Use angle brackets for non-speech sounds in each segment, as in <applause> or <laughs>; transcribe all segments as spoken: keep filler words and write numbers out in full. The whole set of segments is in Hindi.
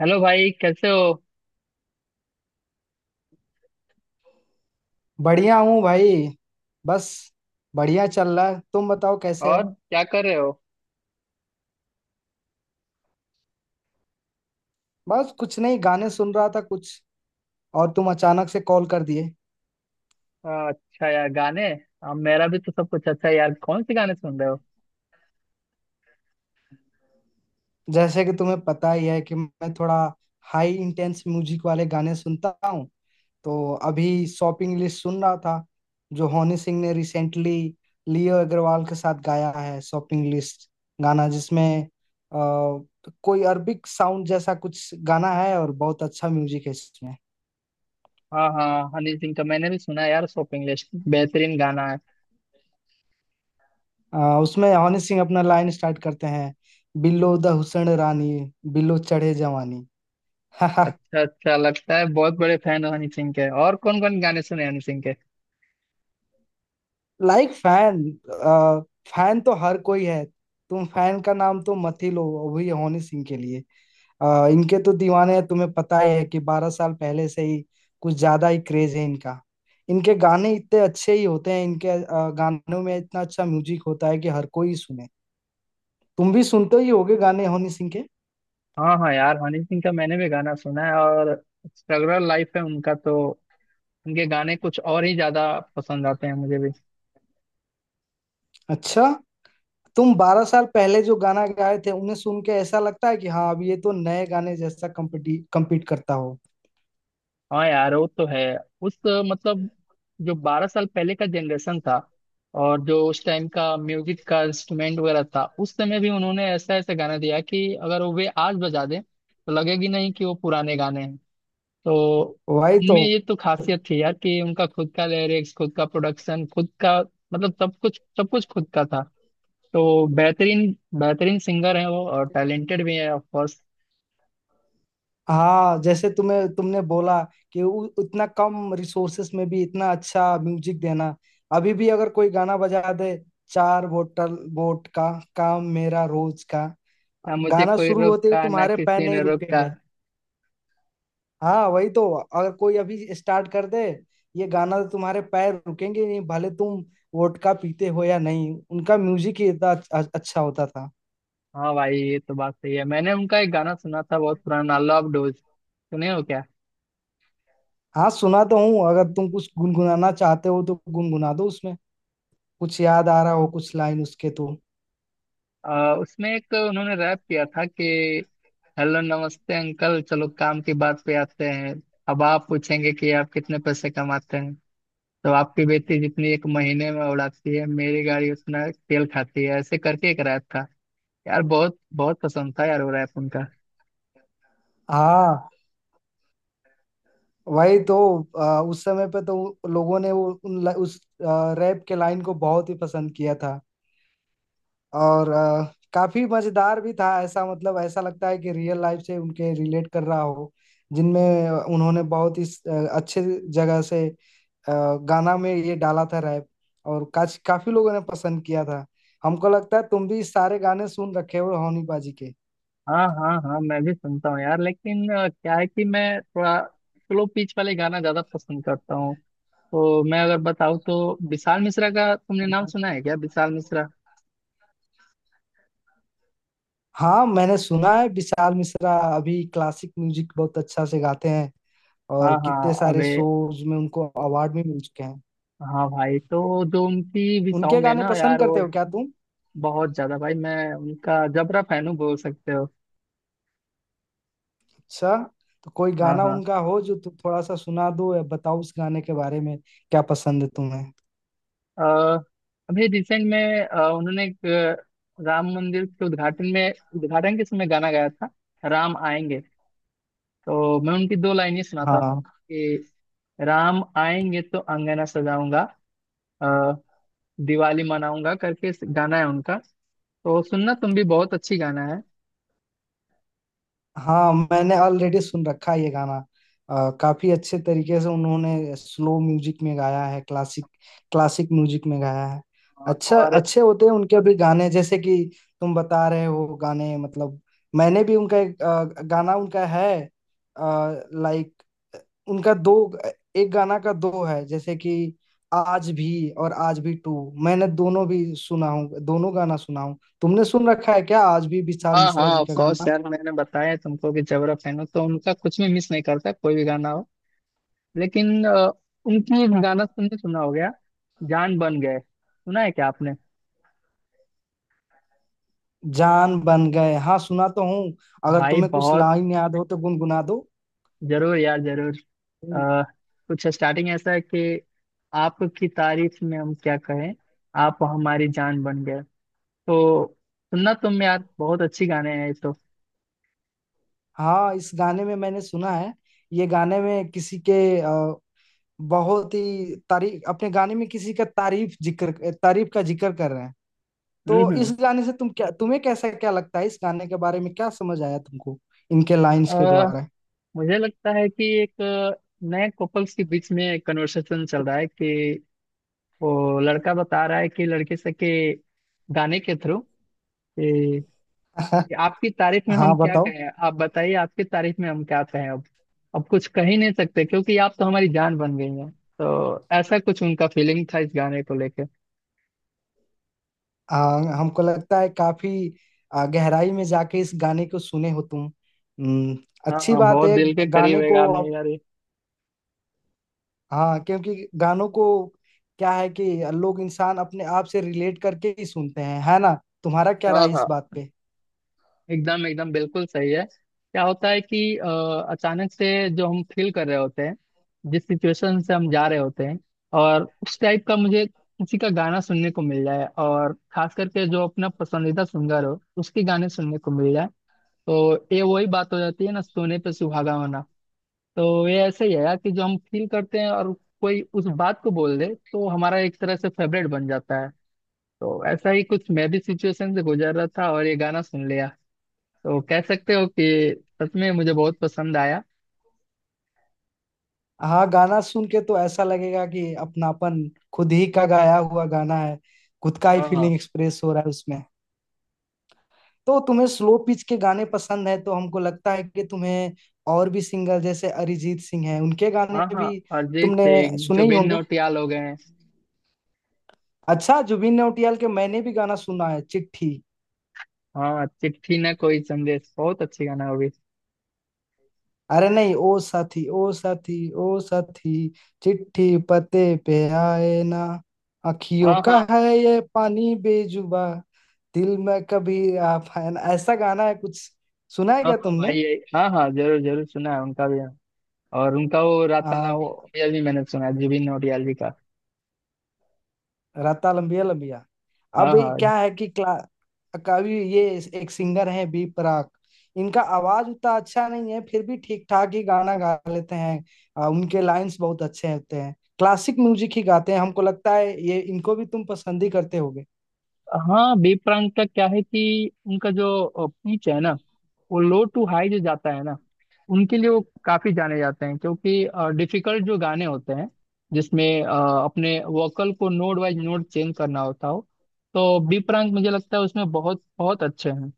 हेलो भाई, कैसे हो? बढ़िया हूँ भाई। बस बढ़िया चल रहा है, तुम बताओ कैसे और हो। क्या कर रहे हो? बस कुछ नहीं, गाने सुन रहा था कुछ, और तुम अचानक से कॉल कर दिए। हाँ, अच्छा यार, गाने। हाँ, मेरा भी तो सब कुछ अच्छा है यार। कौन से गाने सुन रहे हो? जैसे कि तुम्हें पता ही है कि मैं थोड़ा हाई इंटेंस म्यूजिक वाले गाने सुनता हूँ, तो अभी शॉपिंग लिस्ट सुन रहा था जो हनी सिंह ने रिसेंटली लियो अग्रवाल के साथ गाया है। शॉपिंग लिस्ट गाना जिसमें अ, कोई अरबिक साउंड जैसा कुछ गाना है और बहुत अच्छा म्यूजिक है इसमें। हाँ हाँ, हनी सिंह का मैंने भी सुना है यार। शॉपिंग लिस्ट बेहतरीन गाना है। आ, उसमें हनी सिंह अपना लाइन स्टार्ट करते हैं, बिल्लो द हुसैन रानी, बिल्लो चढ़े जवानी। <laughs> अच्छा, अच्छा लगता है। बहुत बड़े फैन हो हनी सिंह के। और कौन कौन गाने सुने हैं हनी सिंह के? लाइक फैन, फैन तो हर कोई है, तुम फैन का नाम तो मत ही लो अभी हनी सिंह के लिए। आ, इनके तो दीवाने हैं, तुम्हें पता ही है कि बारह साल पहले से ही कुछ ज्यादा ही क्रेज है इनका। इनके गाने इतने अच्छे ही होते हैं, इनके आ, गानों में इतना अच्छा म्यूजिक होता है कि हर कोई सुने। तुम भी सुनते ही होगे गाने हनी सिंह के। हाँ हाँ यार, हनी सिंह का मैंने भी गाना सुना है। और स्ट्रगल लाइफ है उनका तो। उनके गाने कुछ और ही ज्यादा पसंद आते हैं मुझे भी। अच्छा, तुम बारह साल पहले जो गाना गाए थे उन्हें सुन के ऐसा लगता है कि हाँ, अब ये तो नए गाने जैसा कम्पिटी कम्पीट करता हो। हाँ यार, वो तो है। उस अ, मतलब, जो बारह साल पहले का जनरेशन था, और जो उस टाइम का म्यूजिक का इंस्ट्रूमेंट वगैरह था, उस समय भी उन्होंने ऐसा ऐसा गाना दिया कि अगर वो वे आज बजा दें तो लगेगी नहीं कि वो पुराने गाने हैं। तो वही तो। उनमें ये तो खासियत थी यार कि उनका खुद का लिरिक्स, खुद का प्रोडक्शन, खुद का मतलब सब कुछ सब कुछ खुद का था। तो बेहतरीन बेहतरीन सिंगर है वो, और टैलेंटेड भी है ऑफ कोर्स। हाँ जैसे तुम्हें तुमने बोला कि उ, उतना कम रिसोर्सेस में भी इतना अच्छा म्यूजिक देना। अभी भी अगर कोई गाना बजा दे, चार बोतल वोट का, काम मेरा रोज का, ना मुझे गाना कोई शुरू होते ही रोका, ना तुम्हारे पैर किसी नहीं ने रोका। रुकेंगे। हाँ वही तो, अगर कोई अभी स्टार्ट कर दे ये गाना तो तुम्हारे पैर रुकेंगे नहीं, भले तुम वोडका पीते हो या नहीं, उनका म्यूजिक ही इतना अच्छा अच्छा होता था। हाँ भाई, ये तो बात सही है। मैंने उनका एक गाना सुना था, बहुत पुराना, लव डोज, सुने हो क्या? हाँ सुना तो हूँ, अगर तुम कुछ गुनगुनाना चाहते हो तो गुनगुना दो उसमें, कुछ याद आ रहा हो कुछ लाइन उसके तो। आ, उसमें एक उन्होंने रैप किया था कि, हेलो नमस्ते अंकल, चलो काम की बात पे आते हैं। अब आप पूछेंगे कि आप कितने पैसे कमाते हैं। तो आपकी बेटी जितनी एक महीने में उड़ाती है, मेरी गाड़ी उतना तेल खाती है। ऐसे करके एक रैप था यार। बहुत बहुत पसंद था यार वो रैप उनका। हाँ वही तो। आ, उस समय पे तो लोगों ने वो उन, उस रैप के लाइन को बहुत ही पसंद किया था, और अ, काफी मजेदार भी था, ऐसा मतलब ऐसा लगता है कि रियल लाइफ से उनके रिलेट कर रहा हो। जिनमें उन्होंने बहुत ही अ, अच्छे जगह से अ, गाना में ये डाला था रैप, और काच काफी लोगों ने पसंद किया था। हमको लगता है तुम भी सारे गाने सुन रखे हो होनी बाजी के। हाँ हाँ हाँ, मैं भी सुनता हूँ यार। लेकिन अ, क्या है कि मैं थोड़ा स्लो पिच वाले गाना ज्यादा पसंद करता हूँ। तो मैं अगर बताऊँ, तो विशाल मिश्रा का तुमने नाम सुना है क्या? विशाल मिश्रा। हाँ मैंने सुना है विशाल मिश्रा, अभी क्लासिक म्यूजिक बहुत अच्छा से गाते हैं, और हाँ कितने हाँ। सारे अबे, शोज में उनको अवार्ड भी मिल चुके हैं। हाँ भाई, तो जो उनकी भी उनके साउंड है गाने ना पसंद यार करते वो। हो क्या तुम? बहुत ज्यादा भाई, मैं उनका जबरा फैन हूँ बोल सकते हो। अच्छा, तो कोई हाँ गाना हाँ। उनका हो जो तुम थोड़ा सा सुना दो, या बताओ उस गाने के बारे में क्या पसंद है तुम्हें। अ, अभी रिसेंट में अ, उन्होंने एक अ, राम मंदिर के उद्घाटन में, उद्घाटन के समय गाना गाया था, राम आएंगे। तो मैं उनकी दो लाइनें सुनाता हूँ हाँ कि, राम आएंगे तो अंगना सजाऊंगा, अ, दिवाली मनाऊंगा, करके इस- गाना है उनका। तो सुनना तुम भी, बहुत अच्छी गाना है। हाँ, मैंने ऑलरेडी सुन रखा है ये गाना। अ, काफी अच्छे तरीके से उन्होंने स्लो म्यूजिक में गाया है, क्लासिक क्लासिक म्यूजिक में गाया है। अ, अच्छा, और। अच्छे होते हैं उनके भी गाने जैसे कि तुम बता रहे हो गाने, मतलब मैंने भी उनका एक अ, गाना उनका है। लाइक, उनका दो, एक गाना का दो है जैसे कि आज भी, और आज भी टू, मैंने दोनों भी सुना हूँ, दोनों गाना सुना हूँ। तुमने सुन रखा है क्या आज भी विशाल हाँ हाँ, मिश्रा जी ऑफ का कोर्स गाना? यार, मैंने बताया है तुमको कि जबरा फैन हो तो उनका कुछ भी मिस नहीं करता, कोई भी गाना हो। लेकिन अ, उनकी एक गाना तुमने सुना हो गया, जान बन गए, सुना है क्या आपने? जान बन गए, हाँ सुना तो हूँ। अगर भाई तुम्हें कुछ बहुत, लाइन याद हो तो गुनगुना दो। जरूर यार जरूर। हम्म, अ, कुछ स्टार्टिंग ऐसा है कि, आपकी तारीफ में हम क्या कहें, आप हमारी जान बन गए। तो सुनना तुम यार, बहुत अच्छी गाने हैं ये तो। हाँ इस गाने में मैंने सुना है, ये गाने में किसी के अ, बहुत ही तारीफ, अपने गाने में किसी का तारीफ जिक्र, तारीफ का जिक्र कर रहे हैं। हम्म तो इस हम्म। गाने से तुम क्या, तुम्हें कैसा क्या लगता है इस गाने के बारे में, क्या समझ आया तुमको इनके अ, लाइंस के द्वारा? मुझे लगता है कि एक अ, नए कपल्स के बीच में कन्वर्सेशन चल रहा है कि, वो लड़का बता रहा है कि लड़के से के, गाने के थ्रू <laughs> कि, आपकी तारीफ में हम हाँ क्या बताओ। कहें, आप बताइए, आपकी तारीफ में हम क्या कहें अब? अब कुछ कह ही नहीं सकते, क्योंकि आप तो हमारी जान बन गई हैं। तो ऐसा कुछ उनका फीलिंग था इस गाने को लेके। हाँ हमको लगता है काफी आ, गहराई में जाके इस गाने को सुने हो तुम। हम्म, हाँ अच्छी हाँ, बात बहुत है। दिल के करीब गाने है को गाने आप, यार ये। हाँ क्योंकि गानों को, क्या है कि लोग इंसान अपने आप से रिलेट करके ही सुनते हैं, है ना? तुम्हारा क्या हाँ राय इस हाँ, बात पे? एकदम एकदम बिल्कुल सही है। क्या होता है कि अ, अचानक से जो हम फील कर रहे होते हैं, जिस सिचुएशन से हम जा रहे होते हैं, और उस टाइप का मुझे किसी का गाना सुनने को मिल जाए, और खास करके जो अपना पसंदीदा सिंगर हो उसके गाने सुनने को मिल जाए, तो ये वही बात हो जाती है ना, सोने पे सुहागा होना। तो ये ऐसे ही है यार कि, जो हम फील करते हैं और कोई उस बात को बोल दे, तो हमारा एक तरह से फेवरेट बन जाता है। तो ऐसा ही कुछ मैं भी सिचुएशन से गुजर रहा था, और ये गाना सुन लिया। तो कह सकते हो कि सच में मुझे बहुत पसंद आया। हाँ गाना सुन के तो ऐसा लगेगा कि अपनापन, खुद ही का गाया हुआ गाना है, खुद का ही हाँ फीलिंग हाँ। एक्सप्रेस हो रहा है उसमें। तो तुम्हें स्लो पिच के गाने पसंद है तो हमको लगता है कि तुम्हें और भी सिंगर जैसे अरिजीत सिंह है, उनके गाने हाँ हाँ, भी अरिजीत तुमने सिंह, सुने ही जुबिन होंगे। नौटियाल हो गए हैं। अच्छा, जुबिन नौटियाल के मैंने भी गाना सुना है, चिट्ठी। हाँ, चिट्ठी ना कोई संदेश, बहुत अच्छी गाना होगी। अरे नहीं, ओ साथी, ओ साथी, ओ साथी, चिट्ठी पते पे आए ना, अखियों हाँ का हाँ। है ये पानी बेजुबा, दिल में कभी आ पाए ना, ऐसा गाना है कुछ। सुना है हाँ क्या हाँ तुमने? भाई, ये- हाँ हाँ, जरूर जरूर सुना है उनका भी। और उनका वो राता आ, लम्बी भी मैंने सुना है, जुबिन नौटियाल जी का। राता लंबिया लंबिया। हाँ अब हाँ। क्या है कि क्ला कवि ये एक सिंगर है बी प्राक, इनका आवाज उतना अच्छा नहीं है, फिर भी ठीक ठाक ही गाना गा लेते हैं। आ, उनके लाइंस बहुत अच्छे होते हैं, क्लासिक म्यूजिक ही गाते हैं। हमको लगता है ये, इनको भी तुम पसंद ही करते होगे। हाँ, बी प्राक का क्या है कि उनका जो पिच है ना, वो लो टू हाई जो जाता है ना, उनके लिए वो काफी जाने जाते हैं, क्योंकि डिफिकल्ट जो गाने होते हैं जिसमें अ, अपने वोकल को नोड वाइज नोड चेंज करना होता हो, तो बी प्राक मुझे लगता है उसमें बहुत बहुत अच्छे हैं।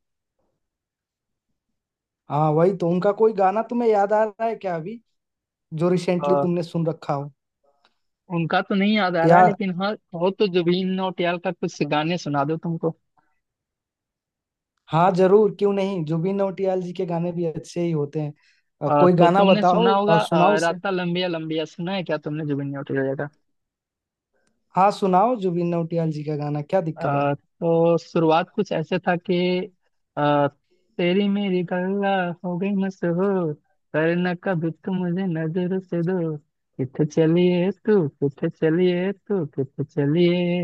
हाँ वही तो, उनका कोई गाना तुम्हें याद आ रहा है क्या अभी जो रिसेंटली अ, तुमने सुन रखा हो, उनका तो नहीं याद आ रहा या? है, लेकिन हाँ, हो तो जुबिन नौटियाल का कुछ गाने सुना दो तुमको। हाँ जरूर क्यों नहीं, जुबिन नौटियाल जी के गाने भी अच्छे ही होते हैं। अ, अ, कोई तो गाना तुमने सुना बताओ होगा और सुनाओ अ, उसे। राता लंबिया लंबिया, सुना है क्या तुमने जुबिन नौटियाल का? हाँ सुनाओ, जुबिन नौटियाल जी का गाना, क्या दिक्कत है। अ, तो शुरुआत कुछ ऐसे था कि, अ, तेरी मेरी गल्ला हो गई मशहूर, करना कभी तू मुझे नजर से दूर, किथे चलिए तू किथे चलिए तू किथे चलिए,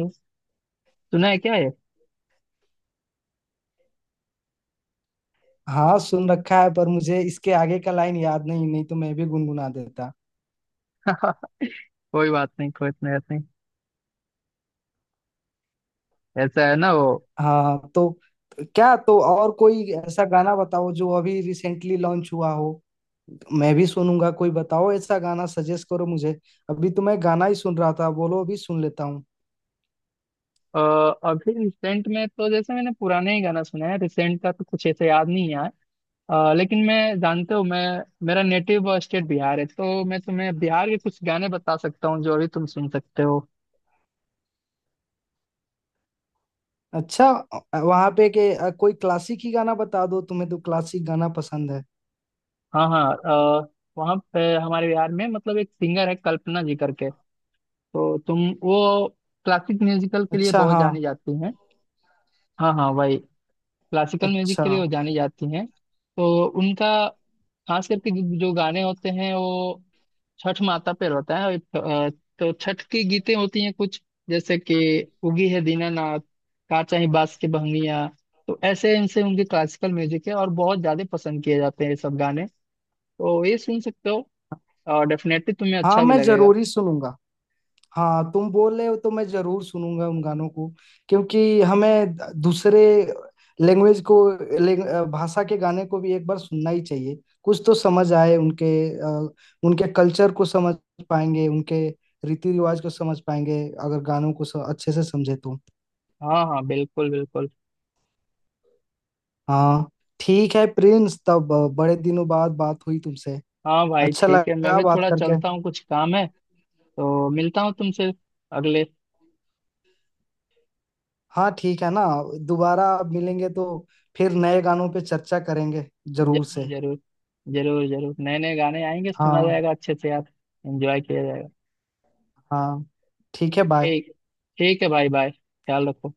सुना है क्या ये? हाँ सुन रखा है पर मुझे इसके आगे का लाइन याद नहीं, नहीं तो मैं भी गुनगुना देता। <laughs> कोई बात नहीं, कोई इतनी बात नहीं, ऐसा है ना वो। हाँ तो क्या, तो और कोई ऐसा गाना बताओ जो अभी रिसेंटली लॉन्च हुआ हो, मैं भी सुनूंगा। कोई बताओ ऐसा गाना, सजेस्ट करो मुझे। अभी तो मैं गाना ही सुन रहा था, बोलो अभी सुन लेता हूँ। अ, अभी रिसेंट में तो जैसे मैंने पुराने ही गाना सुना है, रिसेंट का तो कुछ ऐसे याद नहीं है। अ, लेकिन मैं, जानते हो, मैं मेरा नेटिव स्टेट बिहार है, तो मैं तुम्हें बिहार के कुछ गाने बता सकता हूँ जो अभी तुम सुन सकते हो। अच्छा, वहां पे के अ, कोई क्लासिक ही गाना बता दो, तुम्हें तो क्लासिक गाना पसंद है। हाँ हाँ। अ, वहाँ पे हमारे बिहार में मतलब एक सिंगर है कल्पना जी करके। तो तुम वो क्लासिक म्यूजिकल के लिए अच्छा बहुत हाँ। जानी जाती हैं। हाँ हाँ वही, क्लासिकल म्यूजिक अच्छा के लिए वो जानी जाती हैं। तो उनका खास करके जो जो गाने होते हैं, वो छठ माता पे रहता है। अ, तो छठ की गीतें होती हैं कुछ, जैसे कि, उगी है दीनानाथ, काचा ही बास की बहंगिया। तो ऐसे इनसे उनके क्लासिकल म्यूजिक है, और बहुत ज्यादा पसंद किए जाते हैं ये सब गाने। तो ये सुन सकते हो, और डेफिनेटली तुम्हें हाँ, अच्छा भी मैं लगेगा। जरूरी सुनूंगा। हाँ तुम बोल रहे हो तो मैं जरूर सुनूंगा उन गानों को, क्योंकि हमें दूसरे लैंग्वेज को, लैंग- भाषा के गाने को भी एक बार सुनना ही चाहिए, कुछ तो समझ आए उनके। अ, उनके कल्चर को समझ पाएंगे, उनके रीति रिवाज को समझ पाएंगे अगर गानों को स- अच्छे से समझे तो। हाँ हाँ, बिल्कुल बिल्कुल। हाँ ठीक है प्रिंस, तब अ, बड़े दिनों बाद बात हुई तुमसे, हाँ भाई, अच्छा ठीक है, मैं लगा भी बात थोड़ा करके। चलता हूँ, कुछ काम है। तो मिलता हूँ तुमसे अगले। हाँ ठीक है ना, दोबारा मिलेंगे तो फिर नए गानों पे चर्चा करेंगे, जरूर जरूर से। जरूर। जरूर जरूर, नए नए गाने आएंगे, सुना हाँ। जाएगा अच्छे से यार। एंजॉय किया जाएगा। हाँ ठीक है, बाय। ठीक, ठीक है भाई, बाय, ख्याल रखो।